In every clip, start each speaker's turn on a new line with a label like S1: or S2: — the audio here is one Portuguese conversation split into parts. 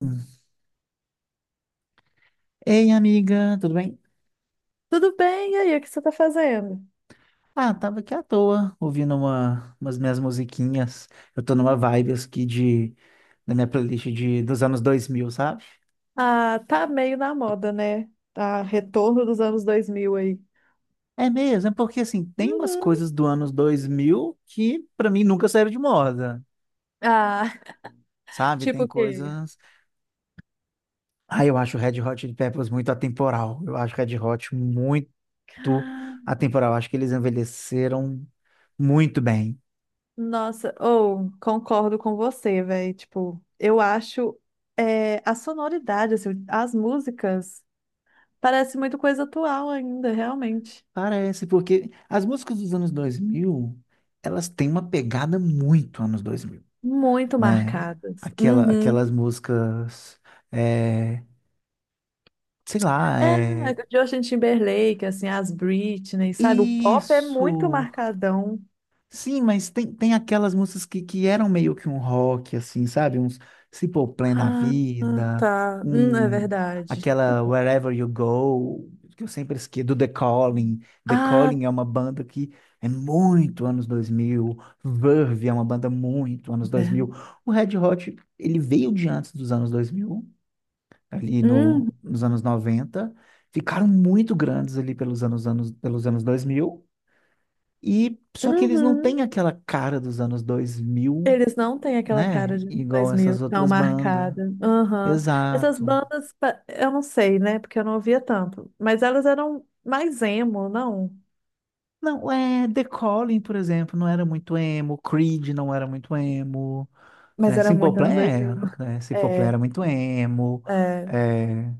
S1: Hum. Ei, amiga, tudo bem?
S2: Tudo bem? E aí, o que você tá fazendo?
S1: Ah, tava aqui à toa, ouvindo umas minhas musiquinhas. Eu tô numa vibe aqui da minha playlist dos anos 2000, sabe?
S2: Ah, tá meio na moda, né? Tá retorno dos anos 2000 aí.
S1: É mesmo, é porque assim, tem umas
S2: Uhum.
S1: coisas do anos 2000 que pra mim nunca saíram de moda,
S2: Ah,
S1: sabe?
S2: tipo
S1: Tem
S2: o quê?
S1: coisas. Ah, eu acho o Red Hot Chili Peppers muito atemporal. Eu acho o Red Hot muito
S2: Ah,
S1: atemporal. Acho que eles envelheceram muito bem.
S2: Nossa, ou concordo com você, velho. Tipo, eu acho é, a sonoridade, assim, as músicas, parece muito coisa atual ainda, realmente.
S1: Parece, porque as músicas dos anos 2000 elas têm uma pegada muito anos 2000,
S2: Muito
S1: né?
S2: marcadas.
S1: Aquelas
S2: Uhum.
S1: músicas, é, sei lá,
S2: É,
S1: é,
S2: Justin Timberlake, assim, as Britney, sabe? O pop é muito
S1: isso.
S2: marcadão.
S1: Sim, mas tem aquelas músicas que eram meio que um rock, assim, sabe? Uns Simple Plan na
S2: Ah,
S1: Vida,
S2: tá. É
S1: um,
S2: verdade.
S1: aquela Wherever You Go, que eu sempre esqueço, do The Calling. The
S2: Ah,
S1: Calling é uma banda que é muito anos 2000. Verve é uma banda muito anos 2000.
S2: é.
S1: O Red Hot, ele veio de antes dos anos 2000 ali
S2: Hum.
S1: no, nos anos 90, ficaram muito grandes ali pelos anos dois mil, e só que eles não
S2: Uhum.
S1: têm aquela cara dos anos 2000,
S2: Eles não têm aquela
S1: né?
S2: cara de
S1: Igual
S2: 2000
S1: essas
S2: tão
S1: outras bandas.
S2: marcada. Aham. Essas
S1: Exato.
S2: bandas, eu não sei, né? Porque eu não ouvia tanto. Mas elas eram mais emo, não?
S1: Não, é The Calling, por exemplo, não era muito emo, Creed não era muito emo,
S2: Mas
S1: né?
S2: era
S1: Simple
S2: muito
S1: Plan
S2: anos 2000.
S1: era, né? Simple Plan
S2: É,
S1: era muito emo.
S2: é.
S1: É.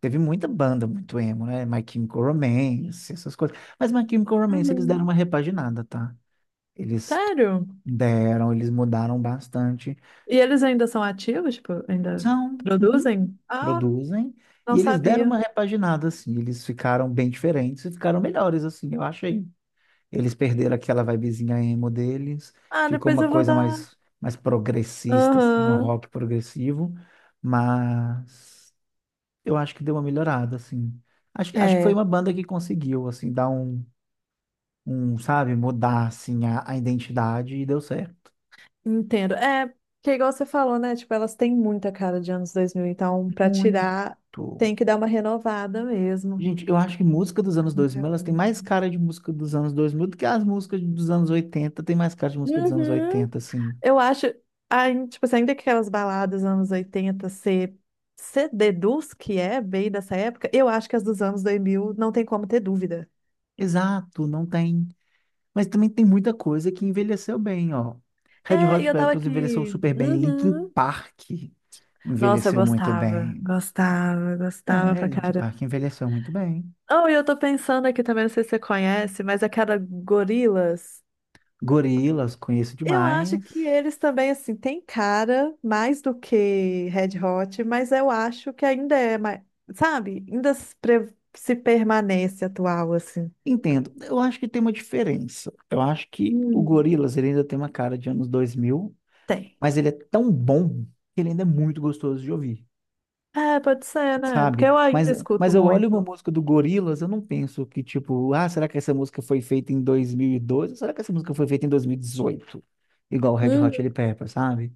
S1: Teve muita banda muito emo, né? My Chemical Romance, essas coisas. Mas My Chemical Romance eles deram
S2: Uhum.
S1: uma repaginada, tá? Eles
S2: Sério?
S1: Eles mudaram bastante.
S2: E eles ainda são ativos? Tipo, ainda
S1: São. Uhum.
S2: produzem? Ah,
S1: Produzem,
S2: não
S1: e eles deram uma
S2: sabia.
S1: repaginada, assim, eles ficaram bem diferentes e ficaram melhores, assim, eu achei. Eles perderam aquela vibezinha emo deles,
S2: Ah,
S1: ficou
S2: depois
S1: uma
S2: eu vou
S1: coisa
S2: dar.
S1: mais progressista, assim, um
S2: Aham.
S1: rock progressivo, mas eu acho que deu uma melhorada, assim. Acho que foi
S2: É.
S1: uma banda que conseguiu, assim, dar sabe, mudar, assim, a identidade e deu certo.
S2: Entendo. É, que é igual você falou, né? Tipo, elas têm muita cara de anos 2000, então pra tirar
S1: Muito.
S2: tem que dar uma renovada mesmo.
S1: Gente, eu acho que música dos anos 2000 elas têm
S2: Verdade.
S1: mais cara de música dos anos 2000 do que as músicas dos anos 80 tem mais cara de música dos anos
S2: Uhum.
S1: 80, assim.
S2: Eu acho, ai, tipo, assim, ainda que aquelas baladas anos 80 você deduz que é bem dessa época, eu acho que as dos anos 2000 não tem como ter dúvida.
S1: Exato, não tem. Mas também tem muita coisa que envelheceu bem, ó. Red Hot
S2: É, e
S1: Chili
S2: eu tava
S1: Peppers envelheceu
S2: aqui.
S1: super bem, Linkin
S2: Uhum.
S1: Park
S2: Nossa, eu
S1: envelheceu muito
S2: gostava,
S1: bem.
S2: gostava, gostava
S1: É,
S2: pra
S1: Linkin
S2: caramba.
S1: Park envelheceu muito bem.
S2: Oh, e eu tô pensando aqui também, não sei se você conhece, mas aquela gorilas.
S1: Gorillaz, conheço
S2: Eu acho
S1: demais.
S2: que eles também, assim, têm cara mais do que Red Hot, mas eu acho que ainda é mais, sabe? Ainda se permanece atual, assim.
S1: Entendo. Eu acho que tem uma diferença. Eu acho que o
S2: Hum.
S1: Gorillaz ele ainda tem uma cara de anos 2000,
S2: Tem.
S1: mas ele é tão bom que ele ainda é muito gostoso de ouvir,
S2: É, pode ser, né? Porque
S1: sabe?
S2: eu
S1: Mas,
S2: ainda escuto
S1: mas eu olho uma
S2: muito.
S1: música do Gorillaz, eu não penso que, tipo, ah, será que essa música foi feita em 2012? Ou será que essa música foi feita em 2018? Igual o Red Hot
S2: Uhum.
S1: Chili Peppers, sabe?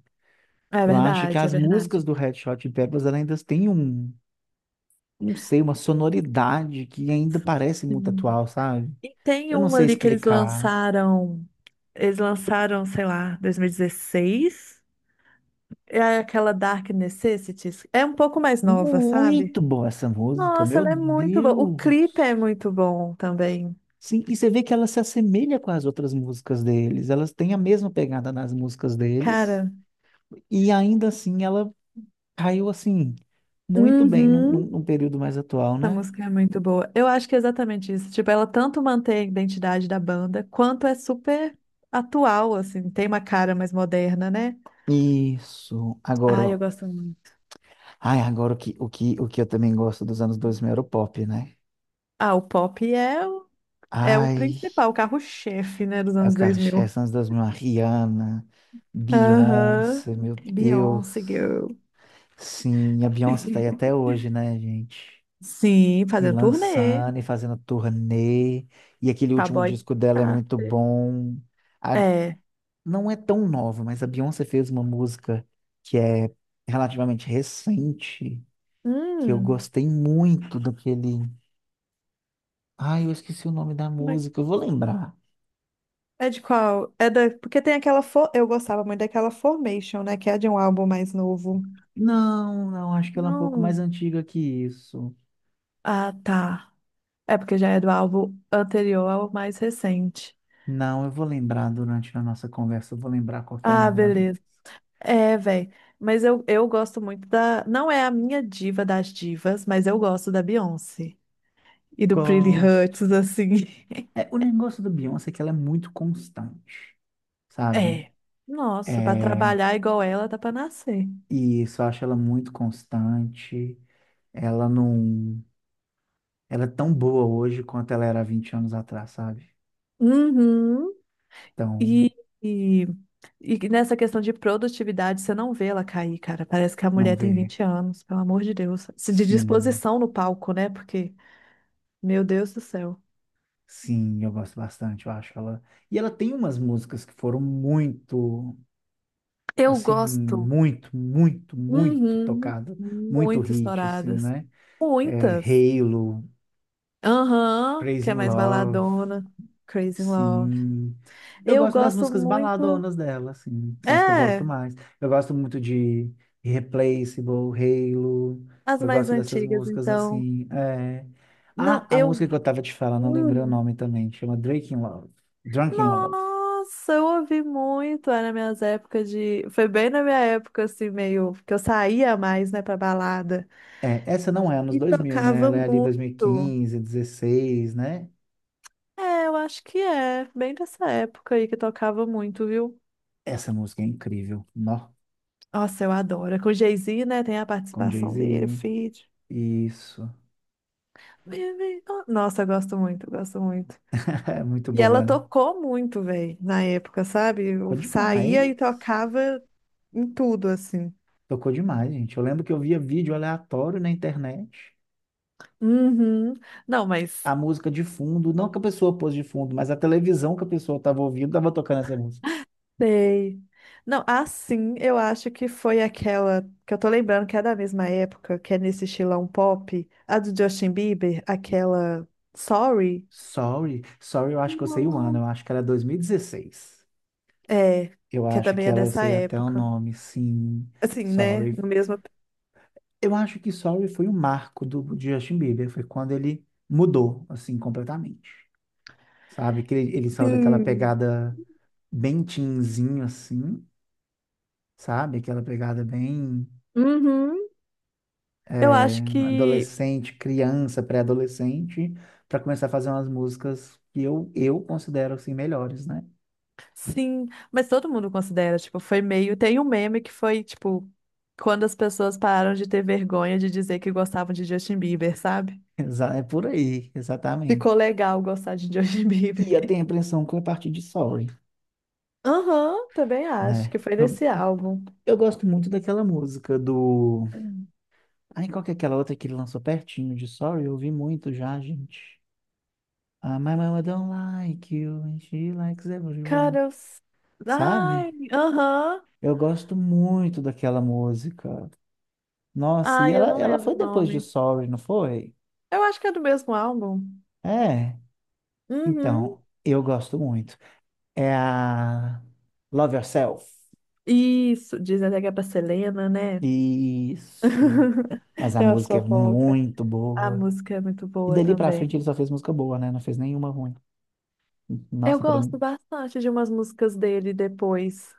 S2: É
S1: Eu acho que
S2: verdade, é
S1: as
S2: verdade.
S1: músicas do Red Hot Chili Peppers ela ainda têm um, não sei, uma sonoridade que ainda parece muito
S2: Sim.
S1: atual, sabe?
S2: E tem
S1: Eu não
S2: uma
S1: sei
S2: ali que eles
S1: explicar.
S2: lançaram, eles lançaram, sei lá, 2016. É aquela Dark Necessities. É um pouco mais nova, sabe?
S1: Muito boa essa música,
S2: Nossa,
S1: meu
S2: ela é muito boa. O clipe é
S1: Deus!
S2: muito bom também.
S1: Sim, e você vê que ela se assemelha com as outras músicas deles. Elas têm a mesma pegada nas músicas deles.
S2: Cara,
S1: E ainda assim, ela caiu assim, muito bem num, num-
S2: uhum.
S1: num período mais atual,
S2: Essa
S1: né?
S2: música é muito boa. Eu acho que é exatamente isso. Tipo, ela tanto mantém a identidade da banda, quanto é super atual, assim, tem uma cara mais moderna, né?
S1: Isso. Agora,
S2: Ai,
S1: ó,
S2: eu gosto muito.
S1: ai, agora o que eu também gosto dos anos 2000 era o pop, né?
S2: Ah, o pop é o
S1: Ai,
S2: principal, o carro-chefe, né, dos
S1: é o
S2: anos dois
S1: Carlos
S2: mil
S1: Chess anos 2000, a Rihanna,
S2: Aham.
S1: Beyoncé, meu Deus.
S2: Beyoncé, girl.
S1: Sim, a Beyoncé tá aí até hoje, né, gente?
S2: Sim,
S1: E
S2: fazendo turnê.
S1: lançando e fazendo turnê. E aquele último
S2: Cowboy
S1: disco dela é muito
S2: Carter.
S1: bom. A-
S2: É.
S1: não é tão nova, mas a Beyoncé fez uma música que é relativamente recente, que eu
S2: Hum.
S1: gostei muito daquele. Ai, eu esqueci o nome da música, eu vou lembrar.
S2: É de qual? Porque tem aquela. Eu gostava muito daquela Formation, né? Que é de um álbum mais novo.
S1: Não, não, acho que ela é um pouco
S2: Não.
S1: mais antiga que isso.
S2: Ah, tá. É porque já é do álbum anterior ao mais recente.
S1: Não, eu vou lembrar durante a nossa conversa, eu vou lembrar qual que é o
S2: Ah,
S1: nome da música.
S2: beleza. É, velho. Mas eu gosto muito da. Não é a minha diva das divas, mas eu gosto da Beyoncé. E do Pretty
S1: Gosto.
S2: Hurts, assim.
S1: É, o negócio da Beyoncé é que ela é muito constante, sabe?
S2: É. Nossa, pra
S1: É,
S2: trabalhar igual ela, dá pra nascer.
S1: e isso eu acho ela muito constante. Ela não. Ela é tão boa hoje quanto ela era há 20 anos atrás, sabe?
S2: Uhum.
S1: Então,
S2: E, e E nessa questão de produtividade, você não vê ela cair, cara. Parece que a
S1: não
S2: mulher tem
S1: vê.
S2: 20 anos, pelo amor de Deus. Se de
S1: Sim,
S2: disposição no palco, né? Porque, meu Deus do céu.
S1: sim, eu gosto bastante, eu acho ela. E ela tem umas músicas que foram muito,
S2: Eu
S1: assim,
S2: gosto.
S1: muito, muito, muito
S2: Uhum,
S1: tocado, muito
S2: muito
S1: hit, assim,
S2: estouradas.
S1: né? É,
S2: Muitas.
S1: Halo,
S2: Aham,
S1: Crazy
S2: que
S1: in
S2: é mais
S1: Love.
S2: baladona. Crazy in Love.
S1: Sim. Eu
S2: Eu
S1: gosto das
S2: gosto
S1: músicas
S2: muito.
S1: baladonas dela, assim. São as que eu gosto
S2: É,
S1: mais. Eu gosto muito de Irreplaceable, Halo.
S2: as
S1: Eu
S2: mais
S1: gosto dessas
S2: antigas,
S1: músicas,
S2: então.
S1: assim. É.
S2: Não,
S1: Ah, a
S2: eu.
S1: música que eu tava te falando, não lembrei o
S2: hum,
S1: nome também. Chama Drake in Love. Drunk in Love.
S2: Nossa, eu ouvi muito, era minhas épocas de. Foi bem na minha época, assim, meio. Que eu saía mais, né, pra balada.
S1: É, essa não é anos
S2: E
S1: dois mil, né?
S2: tocava
S1: Ela é ali dois mil e
S2: muito.
S1: quinze 16, né?
S2: É, eu acho que é. Bem dessa época aí que tocava muito, viu?
S1: Essa música é incrível. Nó,
S2: Nossa, eu adoro. É com o Jay-Z, né, tem a
S1: com
S2: participação dele, o
S1: Jay-Z.
S2: feat.
S1: Isso.
S2: Oh, Nossa, eu gosto muito, eu gosto muito.
S1: É muito
S2: E ela
S1: boa, né?
S2: tocou muito, velho, na época, sabe? Eu
S1: Tocou
S2: saía
S1: demais.
S2: e tocava em tudo, assim.
S1: Tocou demais, gente. Eu lembro que eu via vídeo aleatório na internet,
S2: Uhum. Não, mas.
S1: a música de fundo, não que a pessoa pôs de fundo, mas a televisão que a pessoa estava ouvindo estava tocando essa música.
S2: Sei. Não, assim, eu acho que foi aquela que eu tô lembrando que é da mesma época, que é nesse estilão pop, a do Justin Bieber, aquela Sorry,
S1: Sorry, Sorry, eu acho que eu sei o ano,
S2: Nossa.
S1: eu acho que era 2016.
S2: É,
S1: Eu
S2: que é
S1: acho
S2: também
S1: que
S2: é
S1: ela, eu
S2: dessa
S1: sei até o
S2: época.
S1: nome, sim.
S2: Assim, né? No
S1: Sorry.
S2: mesmo.
S1: Eu acho que Sorry foi o marco do de Justin Bieber, foi quando ele mudou, assim, completamente. Sabe? Que ele saiu daquela
S2: Sim.
S1: pegada bem teenzinho, assim, sabe? Aquela pegada bem,
S2: Uhum. Eu
S1: é,
S2: acho que
S1: adolescente, criança, pré-adolescente, para começar a fazer umas músicas que eu considero assim melhores, né?
S2: sim, mas todo mundo considera, tipo, foi meio. Tem um meme que foi, tipo, quando as pessoas pararam de ter vergonha de dizer que gostavam de Justin Bieber, sabe?
S1: É por aí,
S2: Ficou
S1: exatamente.
S2: legal gostar de Justin
S1: E
S2: Bieber.
S1: eu tenho a impressão que é a partir de Sorry,
S2: Aham, também acho
S1: né?
S2: que foi
S1: Eu,
S2: desse álbum.
S1: eu gosto muito daquela música do. Ai, qual que é aquela outra que ele lançou pertinho de Sorry? Eu ouvi muito já, gente. Ah, my mama don't like you and she likes everyone.
S2: Cara,
S1: Sabe?
S2: Ai, aham.
S1: Eu gosto muito daquela música. Nossa, e
S2: Ai, eu
S1: ela,
S2: não
S1: ela
S2: lembro
S1: foi
S2: o
S1: depois de
S2: nome.
S1: Sorry, não foi?
S2: Eu acho que é do mesmo álbum.
S1: É,
S2: Uhum.
S1: então, eu gosto muito. É a Love Yourself.
S2: Isso, dizem até que é pra Selena, né?
S1: Isso. Mas a
S2: Tem umas
S1: música é
S2: fofoca.
S1: muito
S2: A
S1: boa.
S2: música é muito
S1: E
S2: boa
S1: dali pra
S2: também.
S1: frente ele só fez música boa, né? Não fez nenhuma ruim.
S2: Eu
S1: Nossa, pra mim,
S2: gosto bastante de umas músicas dele depois.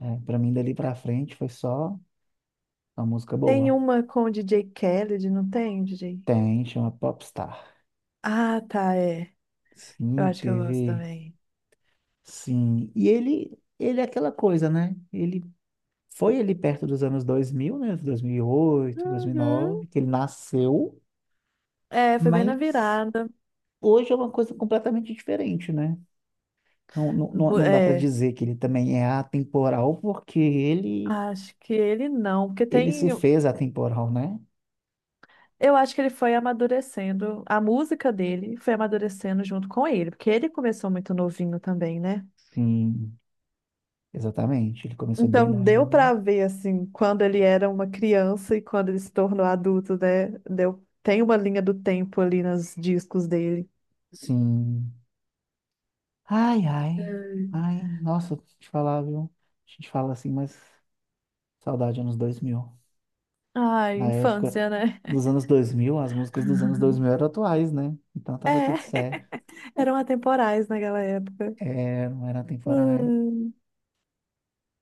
S1: é, pra mim dali pra frente foi só uma música
S2: Tem
S1: boa.
S2: uma com o D J Khaled, não tem, D J.
S1: Tem, chama Popstar.
S2: Ah, tá, é. Eu
S1: Sim,
S2: acho que eu gosto
S1: teve.
S2: também.
S1: Sim. E ele é aquela coisa, né? Ele foi ali perto dos anos 2000, né? Dois dois mil mil e oito, dois mil e
S2: Uhum.
S1: nove, que ele nasceu,
S2: É, foi bem na
S1: mas.
S2: virada.
S1: Hoje é uma coisa completamente diferente, né? Não, não, não não dá para
S2: É,
S1: dizer que ele também é atemporal, porque ele,
S2: acho que ele não, porque
S1: ele se
S2: tem.
S1: fez atemporal, né?
S2: Eu acho que ele foi amadurecendo, a música dele foi amadurecendo junto com ele, porque ele começou muito novinho também, né?
S1: Sim, exatamente. Ele começou bem
S2: Então deu
S1: novinho.
S2: pra ver assim, quando ele era uma criança e quando ele se tornou adulto, né? Tem uma linha do tempo ali nos discos dele.
S1: Sim. Ai, ai.
S2: Hum.
S1: Ai, nossa, te falar, viu? A gente fala assim, mas saudade anos 2000.
S2: Ai,
S1: Na época
S2: infância, né?
S1: dos anos 2000 as músicas dos anos 2000 eram atuais, né? Então tava tudo
S2: É,
S1: certo.
S2: eram atemporais naquela época.
S1: É, não era atemporais.
S2: Ai,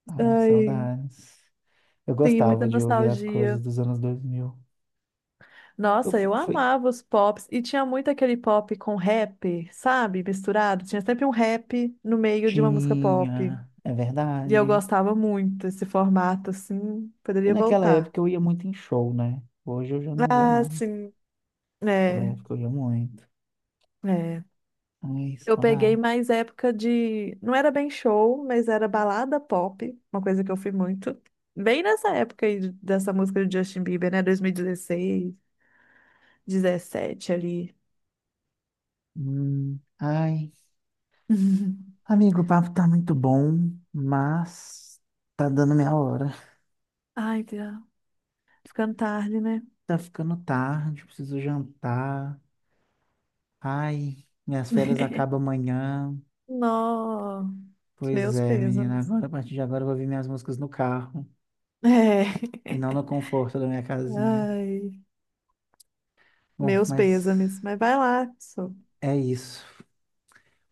S1: Ai,
S2: ai.
S1: saudades. Eu
S2: Sim, muita
S1: gostava de ouvir as coisas
S2: nostalgia.
S1: dos anos 2000. Eu
S2: Nossa, eu
S1: fui,
S2: amava os pops. E tinha muito aquele pop com rap, sabe? Misturado. Tinha sempre um rap no meio de uma música pop.
S1: tinha, é
S2: E eu
S1: verdade.
S2: gostava muito desse formato, assim.
S1: E
S2: Poderia
S1: naquela
S2: voltar.
S1: época eu ia muito em show, né? Hoje eu já não vou
S2: Ah,
S1: mais.
S2: sim.
S1: Naquela
S2: É,
S1: época eu ia muito.
S2: é.
S1: Ai,
S2: Eu peguei
S1: saudade.
S2: mais época de. Não era bem show, mas era balada pop, uma coisa que eu fui muito. Bem nessa época aí dessa música do Justin Bieber, né? 2016, 17 ali.
S1: Ai. Amigo, o papo tá muito bom, mas tá dando minha hora.
S2: Ai, Deus. Ficando tarde, né?
S1: Tá ficando tarde, preciso jantar. Ai, minhas férias acabam amanhã.
S2: Nó,
S1: Pois
S2: meus
S1: é, menina,
S2: pêsames.
S1: agora a partir de agora eu vou ouvir minhas músicas no carro
S2: É.
S1: e não no conforto da minha casinha.
S2: Ai,
S1: Bom,
S2: meus
S1: mas
S2: pêsames. Mas vai lá, pessoal.
S1: é isso.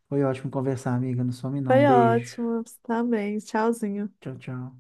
S1: Foi ótimo conversar, amiga. Não some não.
S2: Foi
S1: Beijo.
S2: ótimo. Você também. Tchauzinho.
S1: Tchau, tchau.